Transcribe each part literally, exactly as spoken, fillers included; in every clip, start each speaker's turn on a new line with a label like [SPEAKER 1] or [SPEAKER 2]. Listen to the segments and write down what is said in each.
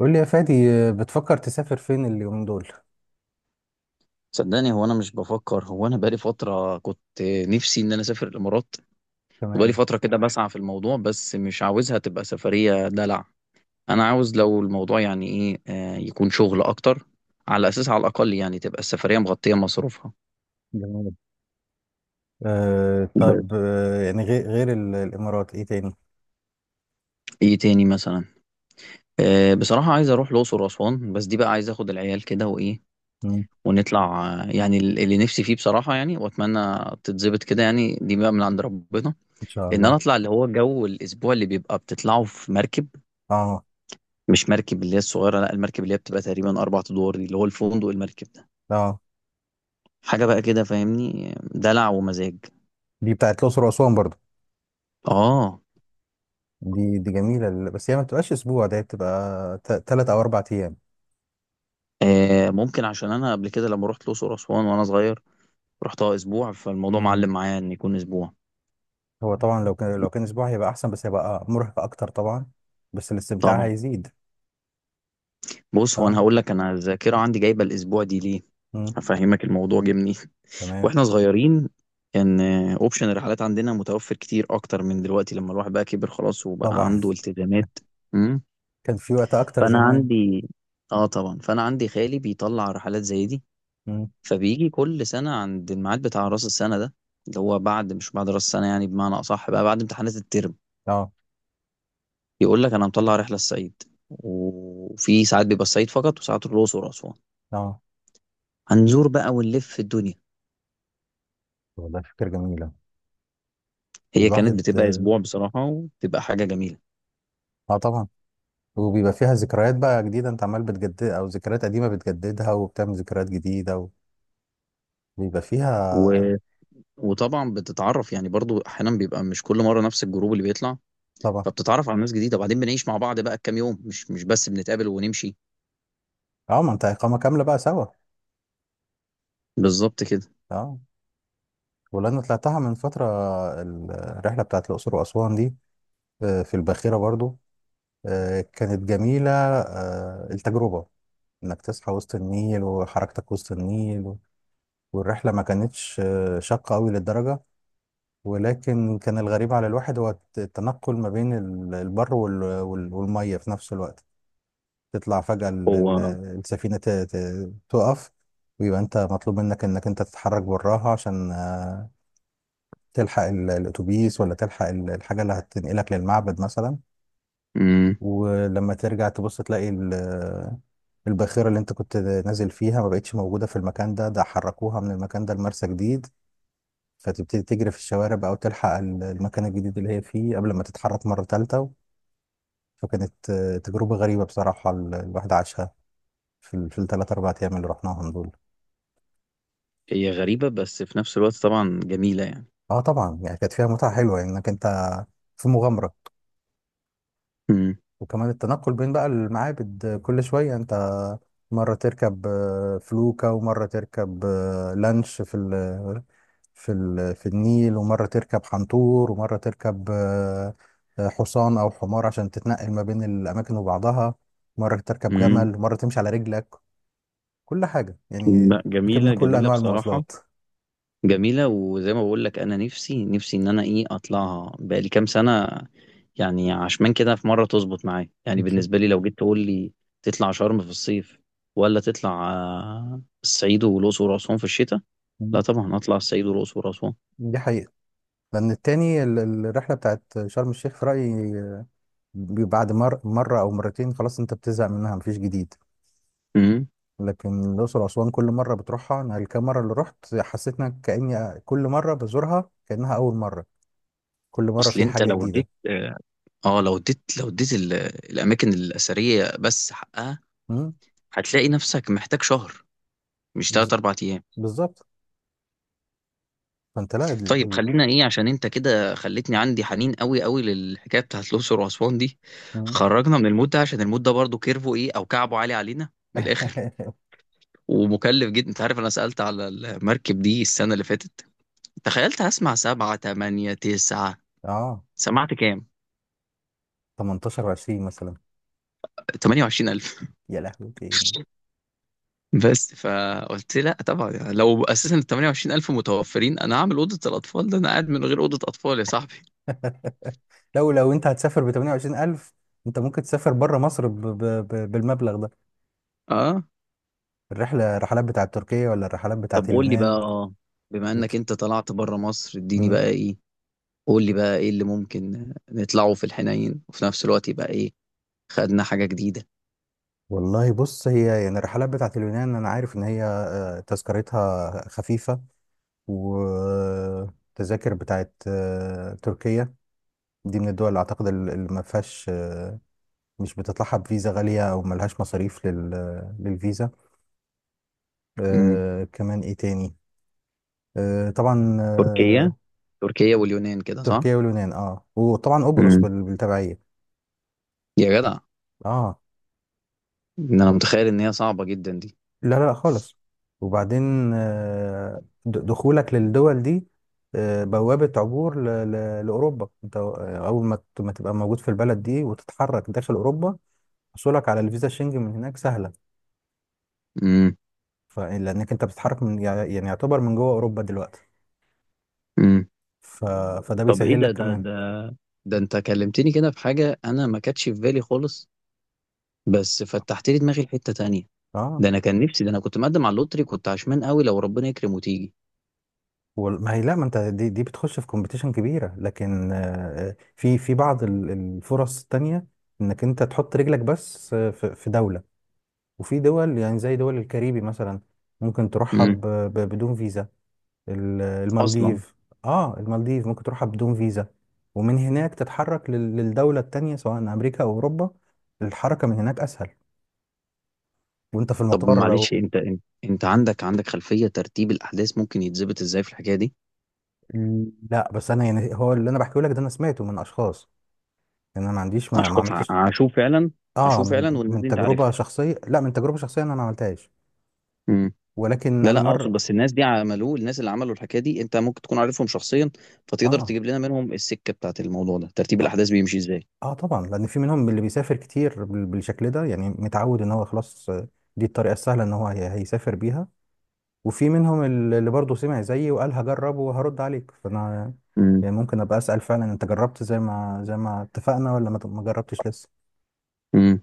[SPEAKER 1] قول لي يا فادي آه، بتفكر تسافر فين اليومين دول.
[SPEAKER 2] صدقني، هو انا مش بفكر. هو انا بقالي فتره كنت نفسي ان انا اسافر الامارات. وبقالي
[SPEAKER 1] تمام.
[SPEAKER 2] فتره كده بسعى في الموضوع، بس مش عاوزها تبقى سفريه دلع. انا عاوز لو الموضوع يعني ايه آه، يكون شغل اكتر، على اساس على الاقل يعني تبقى السفريه مغطيه مصروفها.
[SPEAKER 1] جميل. آه طب
[SPEAKER 2] بس.
[SPEAKER 1] آه يعني غير غير ال- الامارات ايه تاني.
[SPEAKER 2] ايه تاني مثلا؟ آه، بصراحه عايز اروح الاقصر واسوان، بس دي بقى عايز اخد العيال كده وايه
[SPEAKER 1] مم.
[SPEAKER 2] ونطلع، آه، يعني ال- اللي نفسي فيه بصراحه يعني، واتمنى تتظبط كده، يعني دي بقى من عند ربنا،
[SPEAKER 1] ان شاء
[SPEAKER 2] ان انا
[SPEAKER 1] الله.
[SPEAKER 2] اطلع اللي هو جو الاسبوع اللي بيبقى بتطلعه في مركب.
[SPEAKER 1] اه.
[SPEAKER 2] مش مركب اللي هي الصغيرة، لا، المركب اللي هي بتبقى تقريبا أربع أدوار، دي اللي هو الفندق المركب ده.
[SPEAKER 1] اه
[SPEAKER 2] حاجة بقى كده، فاهمني، دلع ومزاج.
[SPEAKER 1] دي بتاعت الاقصر واسوان برضو.
[SPEAKER 2] آه.
[SPEAKER 1] دي دي جميله ال- بس هي ما بتبقاش اسبوع ده بتبقى ثلاث او اربع ايام.
[SPEAKER 2] آه، ممكن عشان أنا قبل كده لما رحت الأقصر وأسوان وأنا صغير، رحتها أسبوع، فالموضوع
[SPEAKER 1] مم.
[SPEAKER 2] معلم معايا إن يكون أسبوع.
[SPEAKER 1] هو طبعا لو كان لو كان اسبوع هيبقى احسن بس هيبقى مرهق اكتر طبعا. بس الاستمتاع
[SPEAKER 2] طبعا.
[SPEAKER 1] هيزيد.
[SPEAKER 2] بص، هو أنا
[SPEAKER 1] اه.
[SPEAKER 2] هقول لك أنا الذاكرة عندي جايبة الأسبوع دي ليه.
[SPEAKER 1] مم.
[SPEAKER 2] هفهمك الموضوع جه منين.
[SPEAKER 1] تمام.
[SPEAKER 2] وإحنا صغيرين، كان أوبشن الرحلات عندنا متوفر كتير أكتر من دلوقتي، لما الواحد بقى كبر خلاص وبقى
[SPEAKER 1] طبعا.
[SPEAKER 2] عنده التزامات.
[SPEAKER 1] كان في وقت اكتر
[SPEAKER 2] فانا
[SPEAKER 1] زمان.
[SPEAKER 2] عندي، اه طبعا، فانا عندي خالي بيطلع رحلات زي دي.
[SPEAKER 1] مم.
[SPEAKER 2] فبيجي كل سنه عند الميعاد بتاع راس السنه ده، اللي هو بعد، مش بعد راس السنه، يعني بمعنى اصح بقى بعد امتحانات الترم،
[SPEAKER 1] اه.
[SPEAKER 2] يقول لك انا مطلع رحله الصعيد. وفي ساعات بيبقى الصعيد فقط، وساعات الاقصر واسوان.
[SPEAKER 1] اه
[SPEAKER 2] هنزور بقى ونلف في الدنيا.
[SPEAKER 1] والله فكره جميله.
[SPEAKER 2] هي كانت
[SPEAKER 1] والواحد.
[SPEAKER 2] بتبقى اسبوع بصراحه، وبتبقى حاجه جميله.
[SPEAKER 1] اه طبعا. وبيبقى فيها ذكريات بقى جديدة انت عمال بتجدد او ذكريات قديمة بتجددها وبتعمل ذكريات جديدة. وبيبقى فيها.
[SPEAKER 2] و... وطبعا بتتعرف، يعني برضو احيانا بيبقى مش كل مره نفس الجروب اللي بيطلع.
[SPEAKER 1] طبعا.
[SPEAKER 2] فبتتعرف على ناس جديده، وبعدين بنعيش مع بعض بقى كام يوم، مش مش بس بنتقابل ونمشي.
[SPEAKER 1] اه ما انت اقامة كاملة بقى سوا.
[SPEAKER 2] بالظبط كده.
[SPEAKER 1] اه. ولأن طلعتها من فترة ال- الرحلة بتاعت الأقصر وأسوان دي، آه، في الباخرة برضو. آه، كانت جميلة آه، التجربة، انك تصحى وسط النيل وحركتك وسط النيل. والرحلة ما كانتش آه، شاقة قوي للدرجة. ولكن كان الغريب على الواحد هو الت- التنقل ما بين ال- البر وال- وال- والمية في نفس الوقت. تطلع فجأة ال- ال-
[SPEAKER 2] هو
[SPEAKER 1] السفينة ت- ت- تقف، ويبقى انت مطلوب منك انك انت تتحرك براها عشان آه، تلحق ال- الاتوبيس ولا تلحق ال- الحاجة اللي هتنقلك للمعبد مثلا.
[SPEAKER 2] امم
[SPEAKER 1] ولما ترجع تبص تلاقي ال- الباخرة اللي انت كنت نازل فيها ما بقتش موجودة في المكان ده، ده حركوها من المكان ده لمرسى جديد. فتبتدي تجري في الشوارع بقى وتلحق ال- المكان الجديد اللي هي فيه قبل ما تتحرك مرة تالتة. فكانت آه، تجربة غريبة بصراحة ال- الواحد عاشها في ال- في الثلاث أربع أيام اللي رحناهم دول.
[SPEAKER 2] هي غريبة بس في نفس الوقت طبعا جميلة، يعني.
[SPEAKER 1] اه طبعا يعني كانت فيها متعة حلوة يعني انك انت في مغامرة.
[SPEAKER 2] امم.
[SPEAKER 1] وكمان التنقل بين بقى المعابد، آه، كل شوية انت مرة تركب آه، فلوكة، ومرة تركب آه، لانش في ال في ال في النيل، ومرة تركب حنطور، ومرة تركب آه، آه، حصان أو حمار عشان تتنقل ما بين الأماكن وبعضها. مرة تركب
[SPEAKER 2] امم.
[SPEAKER 1] جمل، مرة تمشي على رجلك. كل حاجة يعني.
[SPEAKER 2] لا،
[SPEAKER 1] ركبنا
[SPEAKER 2] جميلة
[SPEAKER 1] كل
[SPEAKER 2] جميلة
[SPEAKER 1] أنواع
[SPEAKER 2] بصراحة.
[SPEAKER 1] المواصلات.
[SPEAKER 2] جميلة، وزي ما بقول لك، أنا نفسي نفسي إن أنا، إيه، أطلعها بقالي كام سنة، يعني. عشمان كده في مرة تظبط معايا. يعني
[SPEAKER 1] إن شاء
[SPEAKER 2] بالنسبة لي لو جيت تقول لي تطلع شرم في الصيف، ولا تطلع آه، الصعيد والأقصر وأسوان في الشتاء، لا
[SPEAKER 1] الله.
[SPEAKER 2] طبعا أطلع الصعيد والأقصر وأسوان.
[SPEAKER 1] دي حقيقة. لأن التاني ال- ال- الرحلة بتاعت شرم الشيخ في رأيي، آه، بعد مر مرة أو مرتين خلاص أنت بتزهق منها، مفيش جديد.
[SPEAKER 2] امم.
[SPEAKER 1] لكن الأقصر وأسوان كل مرة بتروحها، أنا الكام مرة اللي رحت حسيت إن كأني كل مرة بزورها كأنها أول مرة. كل مرة
[SPEAKER 2] أصل
[SPEAKER 1] في
[SPEAKER 2] أنت
[SPEAKER 1] حاجة
[SPEAKER 2] لو
[SPEAKER 1] جديدة.
[SPEAKER 2] اديت اه آه، لو اديت لو اديت ال- الأماكن الأثرية بس حقها،
[SPEAKER 1] مم،
[SPEAKER 2] هتلاقي نفسك محتاج شهر، مش تلات
[SPEAKER 1] بز-
[SPEAKER 2] أربع أيام.
[SPEAKER 1] بالظبط. فأنت لا ال...
[SPEAKER 2] طيب
[SPEAKER 1] ال...
[SPEAKER 2] خلينا، إيه، عشان أنت كده خلتني عندي حنين قوي قوي للحكاية بتاعت الأقصر وأسوان دي.
[SPEAKER 1] مم.
[SPEAKER 2] خرجنا من المود ده، عشان المود ده برضه كيرفو، إيه، أو كعبه عالي علينا، من الآخر. ومكلف جدا. أنت عارف أنا سألت على المركب دي السنة اللي فاتت، تخيلت هسمع سبعة تمانية تسعة،
[SPEAKER 1] آه.
[SPEAKER 2] سمعت كام؟
[SPEAKER 1] تمنتاشر و20 مثلا.
[SPEAKER 2] تمانية وعشرين الف.
[SPEAKER 1] يا لهوي تاني.
[SPEAKER 2] بس فقلت لا طبعا. يعني لو اساسا ال تمانية وعشرين الف متوفرين، انا هعمل اوضه الاطفال. ده انا قاعد من غير اوضه اطفال يا صاحبي.
[SPEAKER 1] لو لو أنت هتسافر ب تمنية وعشرين الف، أنت ممكن تسافر بره مصر ب... ب... ب... بالمبلغ ده.
[SPEAKER 2] اه.
[SPEAKER 1] الرحلة الرحلات بتاعت تركيا ولا الرحلات
[SPEAKER 2] طب
[SPEAKER 1] بتاعت
[SPEAKER 2] قول لي بقى،
[SPEAKER 1] اليونان.
[SPEAKER 2] اه بما انك انت طلعت بره مصر، اديني
[SPEAKER 1] بت...
[SPEAKER 2] بقى، ايه، قول لي بقى ايه اللي ممكن نطلعه في الحنين وفي نفس الوقت يبقى، ايه، خدنا حاجة جديدة.
[SPEAKER 1] والله بص هي يعني الرحلات بتاعت اليونان انا عارف ان هي آه، تذكرتها خفيفة. والتذاكر بتاعت آه، تركيا دي من الدول اللي اعتقد ال- اللي ما فيهاش آه، مش بتطلعها بفيزا غالية او ملهاش مصاريف لل- للفيزا.
[SPEAKER 2] امم.
[SPEAKER 1] آه، كمان ايه تاني. آه، طبعا
[SPEAKER 2] تركيا
[SPEAKER 1] آه،
[SPEAKER 2] تركيا واليونان كده، صح؟
[SPEAKER 1] تركيا واليونان اه، وطبعا قبرص
[SPEAKER 2] امم.
[SPEAKER 1] بال- بالتبعية.
[SPEAKER 2] يا جدع،
[SPEAKER 1] اه.
[SPEAKER 2] ان انا متخيل ان هي صعبة جدا دي.
[SPEAKER 1] لا لا لا خالص. وبعدين آه، د- دخولك للدول دي آه، بوابة عبور ل- ل- لأوروبا. انت آه، أول ما ت- ما تبقى موجود في البلد دي وتتحرك داخل أوروبا، حصولك على الفيزا الشنجن من هناك سهلة.
[SPEAKER 2] امم.
[SPEAKER 1] ف- لأنك انت بتتحرك من يع- يعني يعتبر من جوه أوروبا دلوقتي.
[SPEAKER 2] امم.
[SPEAKER 1] ف... فده
[SPEAKER 2] طب ايه
[SPEAKER 1] بيسهل
[SPEAKER 2] ده،
[SPEAKER 1] لك
[SPEAKER 2] ده
[SPEAKER 1] كمان.
[SPEAKER 2] ده ده انت كلمتني كده في حاجة انا ما كانتش في بالي خالص، بس فتحت لي دماغي لحتة تانية.
[SPEAKER 1] اه.
[SPEAKER 2] ده انا كان نفسي، ده انا كنت مقدم على اللوتري، كنت عشمان قوي لو ربنا يكرم وتيجي.
[SPEAKER 1] وال- ما هي لا ما انت دي, دي بتخش في كومبيتيشن كبيرة، لكن آه، آه، في في بعض ال- الفرص التانية انك انت تحط رجلك بس آه، في في دولة. وفي دول يعني زي دول الكاريبي مثلا ممكن تروحها
[SPEAKER 2] امم.
[SPEAKER 1] ب- ب- بدون فيزا. ال-
[SPEAKER 2] اصلا.
[SPEAKER 1] المالديف. اه المالديف ممكن تروحها بدون فيزا. ومن هناك تتحرك لل- للدولة التانية سواء أمريكا أو أوروبا. الحركة من هناك أسهل. وأنت في
[SPEAKER 2] طب
[SPEAKER 1] المطار
[SPEAKER 2] معلش،
[SPEAKER 1] لو.
[SPEAKER 2] انت، انت انت عندك، عندك خلفية ترتيب الأحداث ممكن يتظبط ازاي في الحكاية دي؟
[SPEAKER 1] لا بس أنا يعني هو اللي أنا بحكيه لك ده أنا سمعته من أشخاص. يعني أنا ما عنديش ما, ما
[SPEAKER 2] أشخاص ع-
[SPEAKER 1] عملتش.
[SPEAKER 2] عاشوا فعلا.
[SPEAKER 1] اه،
[SPEAKER 2] عاشوا
[SPEAKER 1] من
[SPEAKER 2] فعلا، والناس
[SPEAKER 1] من
[SPEAKER 2] دي انت
[SPEAKER 1] تجربة
[SPEAKER 2] عارفها.
[SPEAKER 1] شخصية، لا من تجربة شخصية أنا ما عملتهاش.
[SPEAKER 2] امم.
[SPEAKER 1] ولكن
[SPEAKER 2] لا،
[SPEAKER 1] أنا
[SPEAKER 2] لا، اقصد
[SPEAKER 1] مرة.
[SPEAKER 2] بس الناس دي عملوه، الناس اللي عملوا الحكاية دي انت ممكن تكون عارفهم شخصيا، فتقدر
[SPEAKER 1] اه.
[SPEAKER 2] تجيب لنا منهم السكة بتاعت الموضوع ده، ترتيب
[SPEAKER 1] آه.
[SPEAKER 2] الأحداث بيمشي ازاي؟
[SPEAKER 1] اه طبعا لان في منهم اللي بيسافر كتير بال- بالشكل ده، يعني متعود ان هو خلاص آه، دي الطريقه السهله ان هو هي- هيسافر بيها. وفي منهم ال- اللي برضه سمع زيي وقال هجرب وهرد عليك، فانا
[SPEAKER 2] امم.
[SPEAKER 1] يعني ممكن ابقى اسال فعلا انت جربت زي ما زي ما اتفقنا ولا ما ما جربتش لسه.
[SPEAKER 2] امم.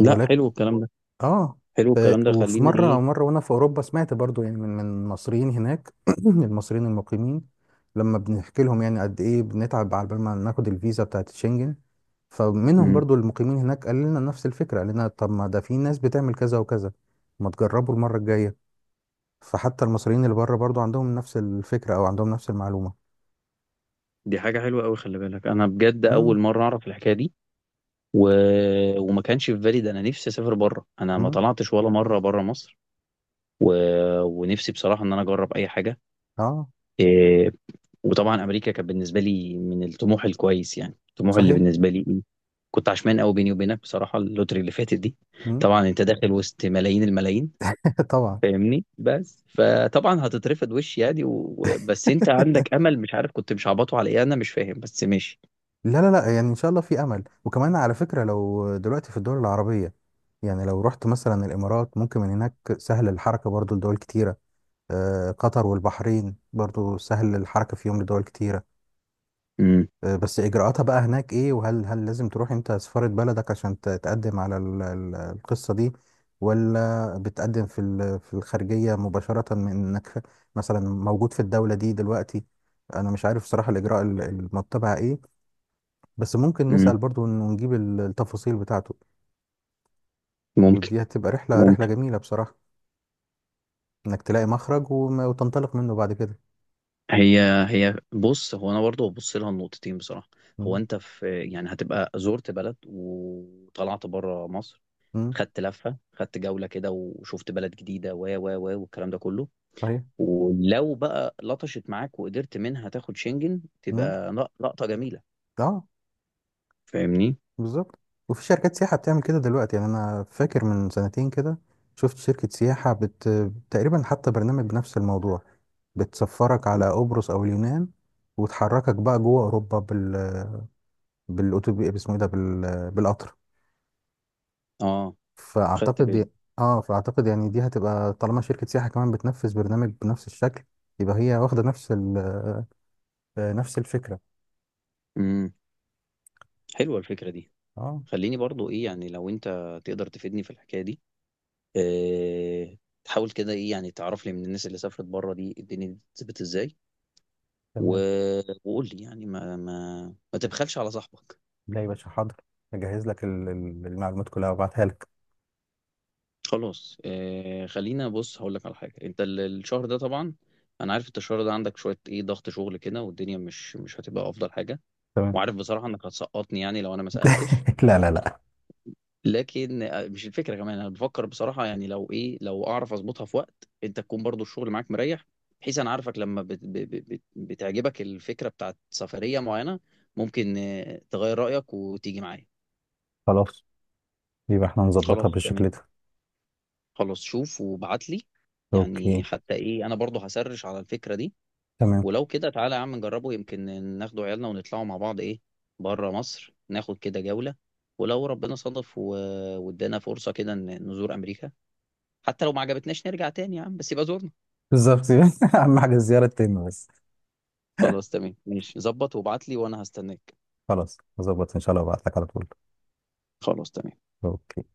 [SPEAKER 2] لا، حلو الكلام ده.
[SPEAKER 1] اه.
[SPEAKER 2] حلو الكلام
[SPEAKER 1] ف-
[SPEAKER 2] ده،
[SPEAKER 1] وفي
[SPEAKER 2] خلينا،
[SPEAKER 1] مرة
[SPEAKER 2] ايه.
[SPEAKER 1] مرة وانا في اوروبا سمعت برضو يعني من من المصريين هناك من المصريين المقيمين، لما بنحكي لهم يعني قد ايه بنتعب على بال ما ناخد الفيزا بتاعت شنجن. فمنهم
[SPEAKER 2] امم.
[SPEAKER 1] برضو المقيمين هناك قال لنا نفس الفكرة، قال لنا طب ما ده في ناس بتعمل كذا وكذا، ما تجربوا المرة الجاية. فحتى المصريين اللي بره برضو عندهم نفس الفكرة او عندهم نفس المعلومة.
[SPEAKER 2] دي حاجة حلوة قوي، خلي بالك، أنا بجد
[SPEAKER 1] امم.
[SPEAKER 2] أول مرة أعرف الحكاية دي. و... وما كانش في بالي ده، أنا نفسي أسافر بره، أنا ما
[SPEAKER 1] امم.
[SPEAKER 2] طلعتش ولا مرة بره مصر. و... ونفسي بصراحة إن أنا أجرب أي حاجة،
[SPEAKER 1] اه.
[SPEAKER 2] إيه. وطبعا أمريكا كانت بالنسبة لي من الطموح الكويس، يعني الطموح اللي
[SPEAKER 1] صحيح.
[SPEAKER 2] بالنسبة لي، إيه. كنت عشمان قوي بيني وبينك بصراحة اللوتري اللي فاتت دي.
[SPEAKER 1] امم.
[SPEAKER 2] طبعا أنت داخل وسط ملايين الملايين،
[SPEAKER 1] طبعا.
[SPEAKER 2] فاهمني، بس فطبعا هتترفض وش، يعني، و... و- بس أنت عندك أمل، مش عارف كنت مش عبطه على إيه، أنا مش فاهم بس ماشي.
[SPEAKER 1] لا لا لا يعني ان شاء الله في امل. وكمان على فكره لو دلوقتي في الدول العربيه، يعني لو رحت مثلا الامارات ممكن من هناك سهل الحركه برضو لدول كتيره. آه، قطر والبحرين برضو سهل الحركه فيهم لدول كتيره.
[SPEAKER 2] امم.
[SPEAKER 1] آه، بس اجراءاتها بقى هناك ايه، وهل هل لازم تروح انت سفاره بلدك عشان ت- تقدم على ال- ال- القصه دي، ولا بتقدم في ال- في الخارجيه مباشره من انك مثلا موجود في الدوله دي دلوقتي. انا مش عارف صراحه الاجراء ال- المتبع ايه. بس ممكن
[SPEAKER 2] امم.
[SPEAKER 1] نسأل برضو إنه نجيب ال- التفاصيل بتاعته.
[SPEAKER 2] ممكن.
[SPEAKER 1] ودي هتبقى رحلة رحلة جميلة بصراحة، إنك تلاقي مخرج وما- وتنطلق منه بعد كده.
[SPEAKER 2] هي هي بص، هو انا برضه ببص لها النقطتين بصراحه. هو
[SPEAKER 1] مم.
[SPEAKER 2] انت، في، يعني هتبقى زرت بلد وطلعت بره مصر،
[SPEAKER 1] مم.
[SPEAKER 2] خدت لفه خدت جوله كده وشفت بلد جديده و و و والكلام ده كله.
[SPEAKER 1] صحيح.
[SPEAKER 2] ولو بقى لطشت معاك وقدرت منها تاخد شنجن،
[SPEAKER 1] مم.
[SPEAKER 2] تبقى لق- لقطه جميله،
[SPEAKER 1] اه
[SPEAKER 2] فاهمني.
[SPEAKER 1] بالظبط. وفي شركات سياحة بتعمل كده دلوقتي، يعني أنا فاكر من سنتين كده شفت شركة سياحة بت... تقريبا حتى برنامج بنفس الموضوع. بتسفرك على قبرص أو اليونان وتحركك بقى جوه أوروبا بال... بالأتوبيس اسمه إيه ده بال... بالقطر.
[SPEAKER 2] اه. خدت
[SPEAKER 1] فاعتقد ي-
[SPEAKER 2] بالي.
[SPEAKER 1] اه فاعتقد يعني دي هتبقى طالما شركة سياحة كمان بتنفذ برنامج بنفس الشكل، يبقى هي واخدة نفس ال... آه، نفس الفكرة.
[SPEAKER 2] امم. حلوه الفكره دي.
[SPEAKER 1] اه.
[SPEAKER 2] خليني برضو، ايه، يعني لو انت تقدر تفيدني في الحكايه دي، آه، تحاول كده، ايه، يعني تعرف لي من الناس اللي سافرت بره، دي الدنيا دي بتثبت ازاي. و...
[SPEAKER 1] تمام.
[SPEAKER 2] وقول لي يعني، ما ما ما تبخلش على صاحبك.
[SPEAKER 1] لا يا باشا، حاضر. اجهز لك ال- ال- المعلومات كلها وابعتها لك.
[SPEAKER 2] خلاص، آه، خلينا بص هقول لك على حاجه. انت ال- الشهر ده طبعا، انا عارف انت الشهر ده عندك شويه، ايه، ضغط شغل كده، والدنيا مش مش هتبقى افضل حاجه.
[SPEAKER 1] تمام.
[SPEAKER 2] وعارف بصراحه انك هتسقطني يعني لو انا ما سالتش.
[SPEAKER 1] لا لا لا.
[SPEAKER 2] لكن آه، مش الفكره كمان، انا بفكر بصراحه يعني لو، ايه، لو اعرف اظبطها في وقت انت تكون برضو الشغل معاك مريح، بحيث انا عارفك لما بت ب- ب- بت بتعجبك الفكره بتاعت سفريه معينه، ممكن آه، تغير رايك وتيجي معايا.
[SPEAKER 1] خلاص يبقى احنا نظبطها
[SPEAKER 2] خلاص تمام.
[SPEAKER 1] بالشكل ده.
[SPEAKER 2] خلاص شوف وابعت لي.
[SPEAKER 1] اوكي.
[SPEAKER 2] يعني حتى، ايه، انا برضو هسرش على الفكره دي.
[SPEAKER 1] تمام.
[SPEAKER 2] ولو كده تعالى يا عم نجربه، يمكن ناخدوا عيالنا ونطلعوا مع بعض، ايه، بره مصر، ناخد كده جوله. ولو ربنا صادف و- وادانا فرصه كده ن- نزور امريكا، حتى لو ما عجبتناش نرجع تاني يا عم، بس يبقى زورنا.
[SPEAKER 1] بالظبط. اهم حاجة الزيارة تتم بس.
[SPEAKER 2] خلاص تمام ماشي، ظبط وابعت لي وانا هستناك.
[SPEAKER 1] خلاص هظبط ان شاء الله وابعت لك على طول.
[SPEAKER 2] خلاص تمام.
[SPEAKER 1] اوكي.